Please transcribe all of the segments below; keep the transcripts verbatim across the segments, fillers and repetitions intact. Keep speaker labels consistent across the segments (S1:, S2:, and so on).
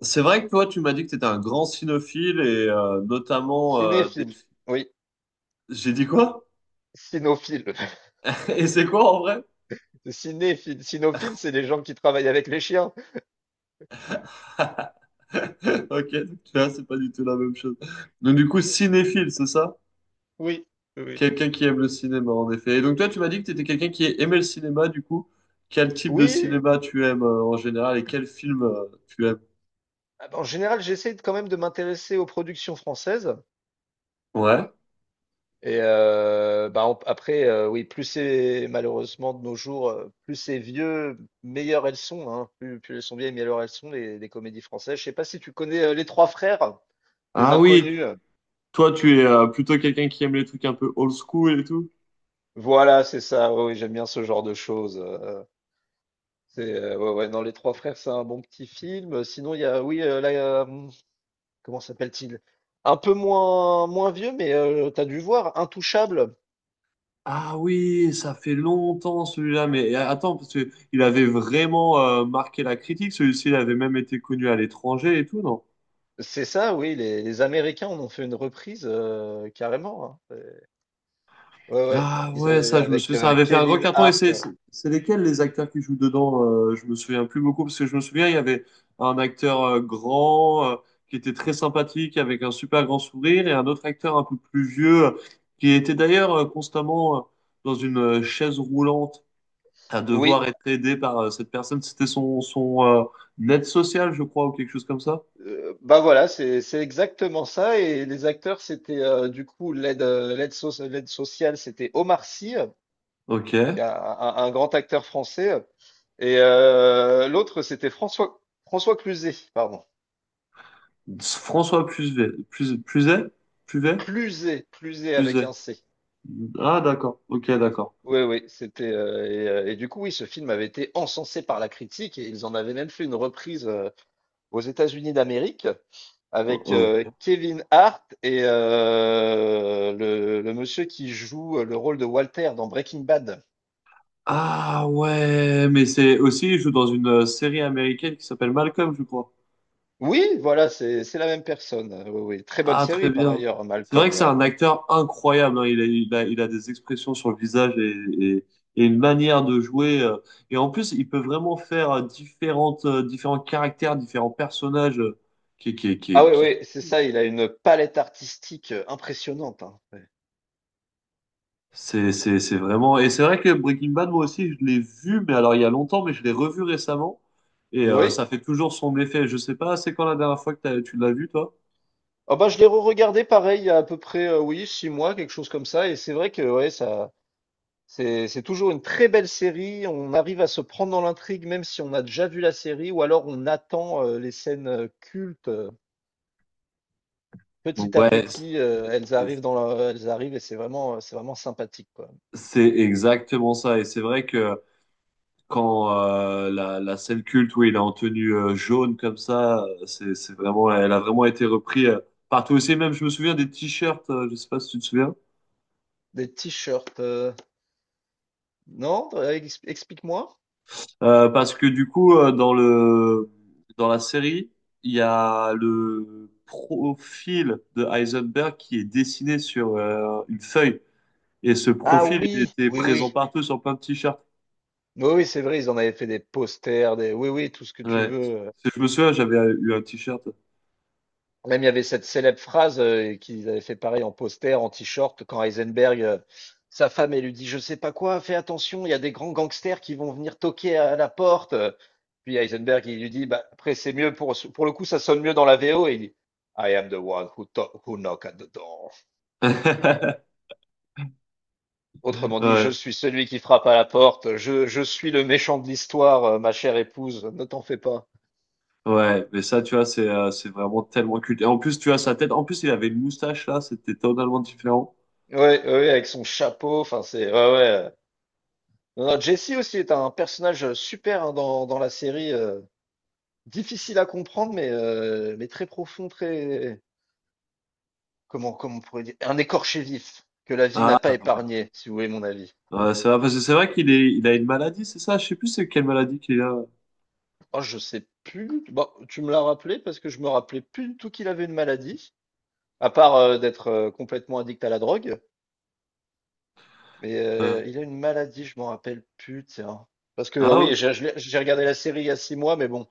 S1: C'est vrai que toi, tu m'as dit que tu étais un grand cinéphile et euh, notamment euh, des...
S2: Cinéphile, oui,
S1: J'ai dit quoi?
S2: cinophile.
S1: Et c'est quoi en vrai?
S2: Cinéphile, cinophile, c'est les gens qui travaillent avec les chiens.
S1: Ok, donc tu vois, c'est pas du tout la même chose. Donc du coup, cinéphile, c'est ça?
S2: Oui, oui, oui.
S1: Quelqu'un qui aime le cinéma, en effet. Et donc toi, tu m'as dit que tu étais quelqu'un qui aimait le cinéma, du coup. Quel type de
S2: Oui,
S1: cinéma tu aimes euh, en général et quel film euh, tu aimes?
S2: ah bah, en général, j'essaie de- quand même de m'intéresser aux productions françaises.
S1: Ouais.
S2: Et euh, bah, on- après, euh, oui, plus c'est malheureusement de nos jours, euh, plus c'est vieux, meilleures elles sont, hein. Plus, plus elles sont vieilles, meilleures elles sont, les, les comédies françaises. Je sais pas si tu connais euh, Les Trois Frères, des
S1: Ah oui,
S2: Inconnus.
S1: toi, tu es euh, plutôt quelqu'un qui aime les trucs un peu old school et tout.
S2: Voilà, c'est ça. Oui, oui, j'aime bien ce genre de choses. euh, C'est euh, ouais, ouais, non, Les Trois Frères, c'est un bon petit film. Euh, Sinon, il y a, oui, euh, là, euh, hum, comment s'appelle-t-il? Un peu moins, moins vieux, mais euh, t'as dû voir Intouchable.
S1: Ah oui, ça fait longtemps celui-là, mais euh, attends, parce que il avait vraiment euh, marqué la critique, celui-ci, il avait même été connu à l'étranger et tout, non?
S2: C'est ça, oui, les, les Américains en ont fait une reprise euh, carrément, hein. C'est- ouais, ouais,
S1: Ah
S2: ils
S1: ouais,
S2: avaient-
S1: ça, je me
S2: avec
S1: souviens, ça
S2: euh,
S1: avait fait un gros
S2: Kevin
S1: carton, et
S2: Hart.
S1: c'est c'est- c'est lesquels les acteurs qui jouent dedans? Euh, je me souviens plus beaucoup, parce que je me souviens, il y avait un acteur euh, grand, euh, qui était très sympathique, avec un super grand sourire, et un autre acteur un peu plus vieux, euh, qui était d'ailleurs euh, constamment euh, dans une euh, chaise roulante, à devoir
S2: Oui,
S1: être aidé par euh, cette personne. C'était son, son euh, aide sociale, je crois, ou quelque chose comme ça.
S2: euh, bah voilà, c'est c'est exactement ça. Et les acteurs, c'était euh, du coup l'aide euh, l'aide soc- l'aide sociale, c'était Omar Sy.
S1: Ok.
S2: Donc un, un- un grand acteur français. euh, Et euh, l'autre, c'était François, François Cluzet, pardon.
S1: François Puvet. Puvet? Puvet? Puvet?
S2: Cluzet, Cluzet avec
S1: Puvet.
S2: un C.
S1: Ah, d'accord. Ok, d'accord.
S2: Oui, oui, c'était. euh, et, euh, et du coup, oui, ce film avait été encensé par la critique et ils en avaient même fait une reprise euh, aux États-Unis d'Amérique avec euh,
S1: Ok.
S2: Kevin Hart et euh, le, le monsieur qui joue le rôle de Walter dans Breaking Bad.
S1: Ah ouais, mais c'est aussi, il joue dans une euh, série américaine qui s'appelle Malcolm, je crois.
S2: Oui, voilà, c'est c'est la même personne. Oui, oui. Très bonne
S1: Ah, très
S2: série par
S1: bien.
S2: ailleurs,
S1: C'est vrai que
S2: Malcolm.
S1: c'est
S2: euh,
S1: un acteur incroyable, hein. Il a, il a, il a des expressions sur le visage et, et- et une manière de jouer. euh. Et en plus, il peut vraiment faire euh, différentes, euh, différents caractères, différents personnages. euh, qui, qui,
S2: Ah
S1: qui,
S2: oui,
S1: qui...
S2: oui, c'est ça, il a une palette artistique euh, impressionnante, hein. Ouais.
S1: C'est, c'est, c'est vraiment. Et c'est vrai que Breaking Bad, moi aussi, je l'ai vu, mais alors il y a longtemps, mais je l'ai revu récemment. Et euh,
S2: Oui.
S1: ça fait toujours son effet. Je sais pas, c'est quand la dernière fois que t'as- tu l'as vu, toi?
S2: Ah bah, je l'ai re-regardé pareil il y a à peu près euh, oui, six mois, quelque chose comme ça. Et c'est vrai que ouais, ça, c'est, c'est toujours une très belle série. On arrive à se prendre dans l'intrigue, même si on a déjà vu la série, ou alors on attend euh, les scènes euh, cultes. euh, Petit à
S1: Ouais,
S2: petit, euh, elles
S1: c'est
S2: arrivent dans la- elles arrivent et c'est vraiment, euh, c'est vraiment sympathique, quoi.
S1: c'est exactement ça. Et c'est vrai que, quand euh, la, la scène culte où il est en tenue euh, jaune comme ça, euh, c'est, c'est vraiment, elle a vraiment été reprise euh, partout aussi. Même, je me souviens des t-shirts, euh, je sais pas si tu te souviens.
S2: Des t-shirts, euh, non? Euh, ex- Explique-moi.
S1: Euh, parce que du coup, euh, dans le, dans la série, il y a le profil de Heisenberg qui est dessiné sur euh, une feuille, et ce
S2: Ah
S1: profil, il
S2: oui,
S1: était
S2: oui,
S1: présent
S2: oui.
S1: partout sur plein de t-shirts.
S2: Oui, oui, c'est vrai, ils en avaient fait des posters, des oui, oui, tout ce que tu
S1: Ouais.
S2: veux.
S1: Si je me souviens, j'avais eu un t-shirt.
S2: Même il y avait cette célèbre phrase, heu, qu'ils avaient fait pareil en poster, en T-shirt, quand Heisenberg, heu, sa femme, elle lui dit: «Je sais pas quoi, fais attention, il y a des grands gangsters qui vont venir toquer à la porte», puis Heisenberg, il lui dit: «Bah, après c'est mieux pour pour le coup, ça sonne mieux dans la V O» et il dit: «I am the one who to who knock at the door». Autrement dit: «Je
S1: Ouais.
S2: suis celui qui frappe à la porte, je je suis le méchant de l'histoire, heu, ma chère épouse, ne t'en fais pas».
S1: Ouais, mais ça, tu vois, c'est euh, c'est vraiment tellement culte. Et en plus, tu vois, sa tête, en plus, il avait une moustache là, c'était totalement différent.
S2: Ouais, ouais, ouais, avec son chapeau, enfin c'est ouais ouais. Non, non, Jesse aussi est un personnage super hein, dans, dans la série, euh, difficile à comprendre mais euh, mais très profond, très comment comment on pourrait dire un écorché vif que la vie n'a pas
S1: Ah,
S2: épargné, si vous voulez mon avis.
S1: ouais, c'est vrai, parce que c'est vrai qu'il est, il a une maladie, c'est ça? Je sais plus c'est quelle maladie qu'il a.
S2: Oh, je sais plus. Bon, tu me l'as rappelé parce que je me rappelais plus du tout qu'il avait une maladie, à part euh, d'être euh, complètement addict à la drogue. Mais
S1: Euh,
S2: euh, il a une maladie, je m'en rappelle plus, tiens. Parce que euh,
S1: ah, ok.
S2: oui, j'ai je l'ai- j'ai regardé la série il y a six mois, mais bon,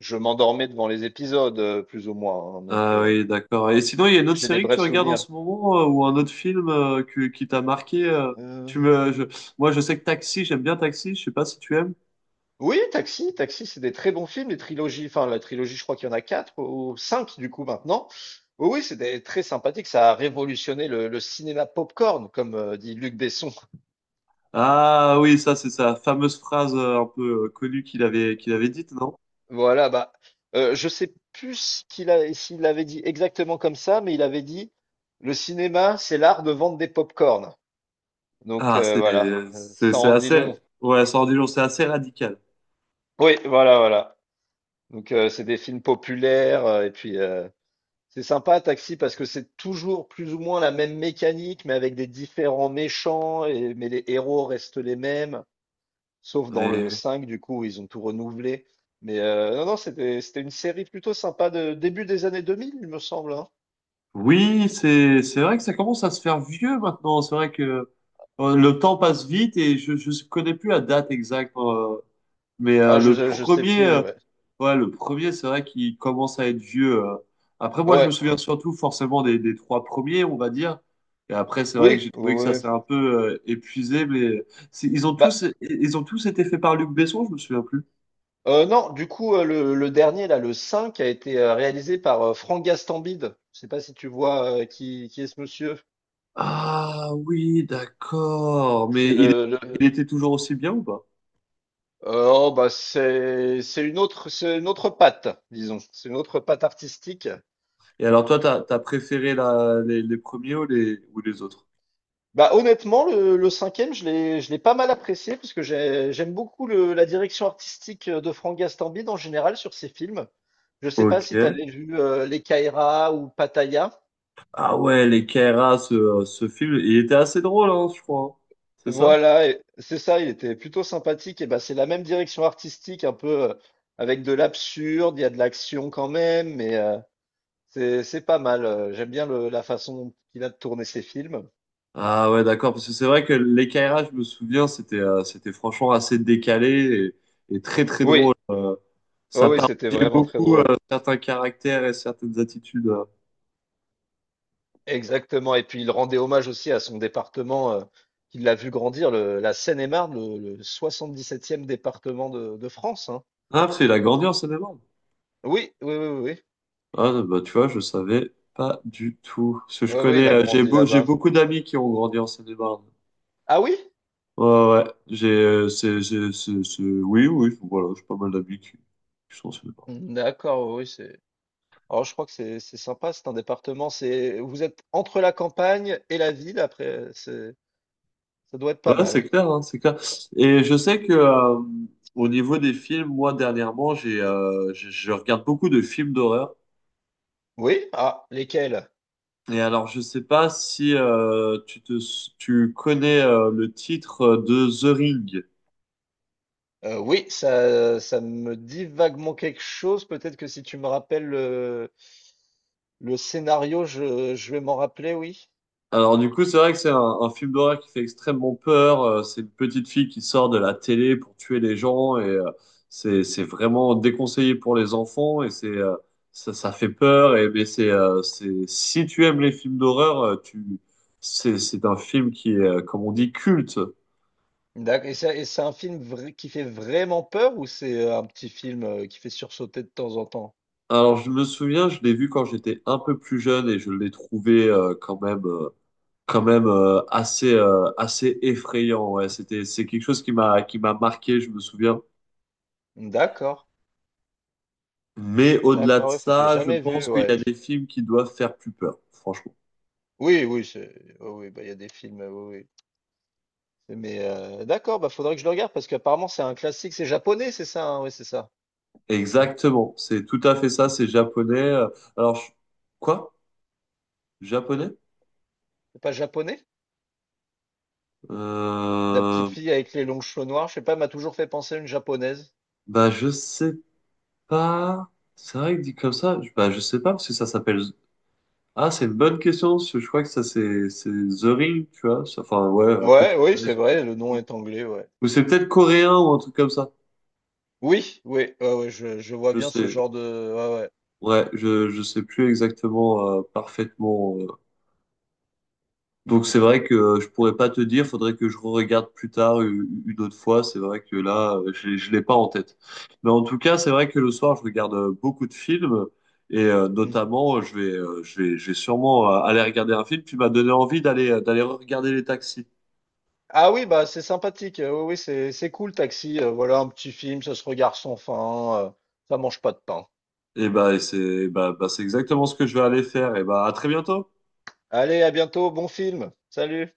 S2: je m'endormais devant les épisodes, euh, plus ou moins, hein, donc
S1: Ah
S2: euh,
S1: oui, d'accord. Et sinon, il y a une autre
S2: j'ai des
S1: série que tu
S2: brefs
S1: regardes en
S2: souvenirs.
S1: ce moment euh, ou un autre film euh, que- qui t'a marqué euh, tu me, je-
S2: Euh,
S1: moi, je sais que Taxi, j'aime bien Taxi, je sais pas si tu aimes.
S2: Oui, Taxi, Taxi, c'est des très bons films, les trilogies. Enfin, la trilogie, je crois qu'il y en a quatre ou cinq du coup maintenant. Oui, oui, c'est des- très sympathique. Ça a révolutionné le, le cinéma popcorn, comme euh, dit Luc Besson.
S1: Ah oui, ça, c'est sa fameuse phrase euh, un peu euh, connue qu'il avait, qu'il avait dite, non?
S2: Voilà, bah, euh, je sais plus ce qu'il a, s'il l'avait dit exactement comme ça, mais il avait dit, le cinéma, c'est l'art de vendre des pop-corn. Donc
S1: Ah,
S2: euh,
S1: c'est
S2: voilà, Euh,
S1: c'est-
S2: ça
S1: c'est
S2: en dit
S1: assez...
S2: long.
S1: Ouais, cent dix jours, c'est assez radical.
S2: Oui, voilà, voilà. Donc euh, c'est des films populaires euh, et puis euh, c'est sympa Taxi parce que c'est toujours plus ou moins la même mécanique, mais avec des différents méchants et mais les héros restent les mêmes, sauf dans le
S1: Ouais.
S2: cinq du coup où ils ont tout renouvelé. Mais euh, non, non, c'était c'était une série plutôt sympa de début des années deux mille, il me semble, hein.
S1: Oui, c'est c'est vrai que ça commence à se faire vieux maintenant. C'est vrai que euh, le temps passe vite et je je connais plus la date exacte. euh, mais euh,
S2: Ah, je
S1: le
S2: je sais
S1: premier,
S2: plus,
S1: euh,
S2: ouais.
S1: ouais, le premier, c'est vrai qu'il commence à être vieux. euh. Après, moi, je
S2: Ouais.
S1: me souviens surtout forcément des, des trois premiers, on va dire. Et après, c'est vrai que
S2: Oui,
S1: j'ai trouvé que
S2: oui,
S1: ça
S2: oui.
S1: s'est un peu euh, épuisé. Mais c'est- ils ont
S2: Bah,
S1: tous ils ont tous été faits par Luc Besson, je me souviens plus.
S2: heu, non, du coup, heu, le le dernier là, le cinq a été, heu, réalisé par, heu, Franck Gastambide. Je sais pas si tu vois, heu, qui qui est ce monsieur?
S1: Ah oui, d'accord.
S2: C'est
S1: Mais il,
S2: le le heu,
S1: il était toujours aussi bien ou pas?
S2: oh, bah, c'est c'est une autre c'est une autre patte, disons. C'est une autre patte artistique.
S1: Et alors toi, t'as, t'as préféré la, les, les premiers ou les, ou les autres?
S2: Bah, honnêtement, le le cinq je l'ai je l'ai pas mal apprécié parce que j'ai j'aime beaucoup le la direction artistique, euh, de Franck Gastambide en général sur ses films. Je sais pas
S1: Ok.
S2: si tu avais vu, heu, Les Caïras ou Pattaya?
S1: Ah ouais, les Kairas, ce, ce film, il était assez drôle, hein, je crois, hein. C'est ça?
S2: Voilà, et c'est ça, il était plutôt sympathique. Et bah, c'est la même direction artistique, un peu euh, avec de l'absurde, il y a de l'action quand même, mais euh, c'est c'est pas mal. euh, J'aime bien le- la façon dont il a de tourner ses films.
S1: Ah ouais, d'accord. Parce que c'est vrai que les Kairas, je me souviens, c'était euh, c'était franchement assez décalé et, et très très
S2: Oui,
S1: drôle. Euh,
S2: oui,
S1: ça
S2: oui, c'était
S1: parodiait
S2: vraiment très
S1: beaucoup euh,
S2: drôle.
S1: certains caractères et certaines attitudes. euh.
S2: Exactement. Et puis il rendait hommage aussi à son département euh, qu'il a vu grandir, le- la Seine-et-Marne, le, le soixante-dix-septième département de, de France, hein.
S1: Ah, parce qu'il a grandi en cinéma.
S2: Oui, oui, oui, oui,
S1: Ah, bah, tu vois, je savais pas du tout. Parce que je
S2: oui, oui, il
S1: connais,
S2: a
S1: euh, j'ai
S2: grandi
S1: beau- j'ai
S2: là-bas.
S1: beaucoup d'amis qui ont grandi en Seine-et-Marne.
S2: Ah oui?
S1: Ouais, ouais, ouais. j'ai, euh, c'est, c'est, c'est, c'est- oui, oui, enfin, voilà, j'ai pas mal d'amis qui, qui sont en Seine-et-Marne.
S2: D'accord, oui, c'est. Alors je crois que c'est c'est sympa, c'est un département, c'est vous êtes entre la campagne et la ville, après c'est ça doit être pas
S1: Ouais, c'est
S2: mal.
S1: clair, hein, c'est clair. Et je sais que, euh, au niveau des films, moi, dernièrement, j'ai, euh, je je regarde beaucoup de films d'horreur.
S2: Oui? Ah, lesquels?
S1: Et alors, je sais pas si, euh, tu te, tu connais, euh, le titre de The Ring.
S2: Euh, oui, ça, ça me dit vaguement quelque chose. Peut-être que si tu me rappelles le, le scénario, je, je vais m'en rappeler, oui.
S1: Alors du coup, c'est vrai que c'est un, un film d'horreur qui fait extrêmement peur. Euh, c'est une petite fille qui sort de la télé pour tuer les gens et euh, c'est c'est vraiment déconseillé pour les enfants et c'est euh, ça, ça fait peur. Et mais c'est euh, c'est si tu aimes les films d'horreur, euh, tu c'est c'est un film qui est euh, comme on dit culte.
S2: D'accord. Et c'est et c'est un film vrai- qui fait vraiment peur ou c'est un petit film euh, qui fait sursauter de temps en temps?
S1: Alors je me souviens, je l'ai vu quand j'étais un peu plus jeune et je l'ai trouvé euh, quand même euh, quand même euh, assez euh, assez effrayant. Ouais, c'était c'est quelque chose qui m'a qui m'a marqué. Je me souviens.
S2: D'accord.
S1: Mais au-delà de
S2: D'accord, ouais, faut- j'ai
S1: ça, je
S2: jamais vu,
S1: pense qu'il y
S2: ouais.
S1: a des films qui doivent faire plus peur, franchement.
S2: Oui, oui, c'est- oui, oui, bah, il y a des films, oui, oui. Mais euh, d'accord, bah faudrait que je le regarde parce qu'apparemment c'est un classique, c'est japonais, c'est ça, hein? Oui, c'est ça.
S1: Exactement, c'est tout à fait ça, c'est japonais. Euh, Alors, je- quoi? Japonais?
S2: C'est pas japonais? La
S1: Euh...
S2: petite fille avec les longs cheveux noirs, je sais pas, elle m'a toujours fait penser à une japonaise.
S1: Bah, je sais pas. C'est vrai que dit comme ça, je- bah, je sais pas parce que ça s'appelle. Ah, c'est une bonne question, parce que je crois que ça, c'est c'est The Ring, tu vois. Ça- Enfin, ouais, après, tu
S2: Ouais, oui,
S1: peux
S2: c'est
S1: ils ont pu le
S2: vrai, le nom
S1: traduire.
S2: est anglais, ouais.
S1: Ou c'est peut-être coréen ou un truc comme ça.
S2: Oui, oui, ouais, ouais, je, je vois
S1: Je
S2: bien ce
S1: sais.
S2: genre de. Ouais, ouais.
S1: Ouais, je, je sais plus exactement euh, parfaitement euh, donc c'est
S2: Mais-
S1: vrai que euh, je pourrais pas te dire, faudrait que je regarde plus tard u- une autre fois. C'est vrai que là, euh, je, je l'ai pas en tête. Mais en tout cas, c'est vrai que le soir, je regarde euh, beaucoup de films et euh,
S2: Mhm.
S1: notamment, euh, je vais, euh, je vais, je vais sûrement euh, aller regarder un film qui m'a donné envie d'aller, euh, d'aller regarder les taxis.
S2: Ah oui, bah c'est sympathique. euh, Oui, oui, c'est c'est cool, Taxi. euh, voilà un petit film, ça se regarde sans fin. euh, ça mange pas de pain.
S1: Et bah, et c'est, bah, bah, c'est exactement ce que je vais aller faire. Et bah, à très bientôt.
S2: Allez, à bientôt, bon film. Salut.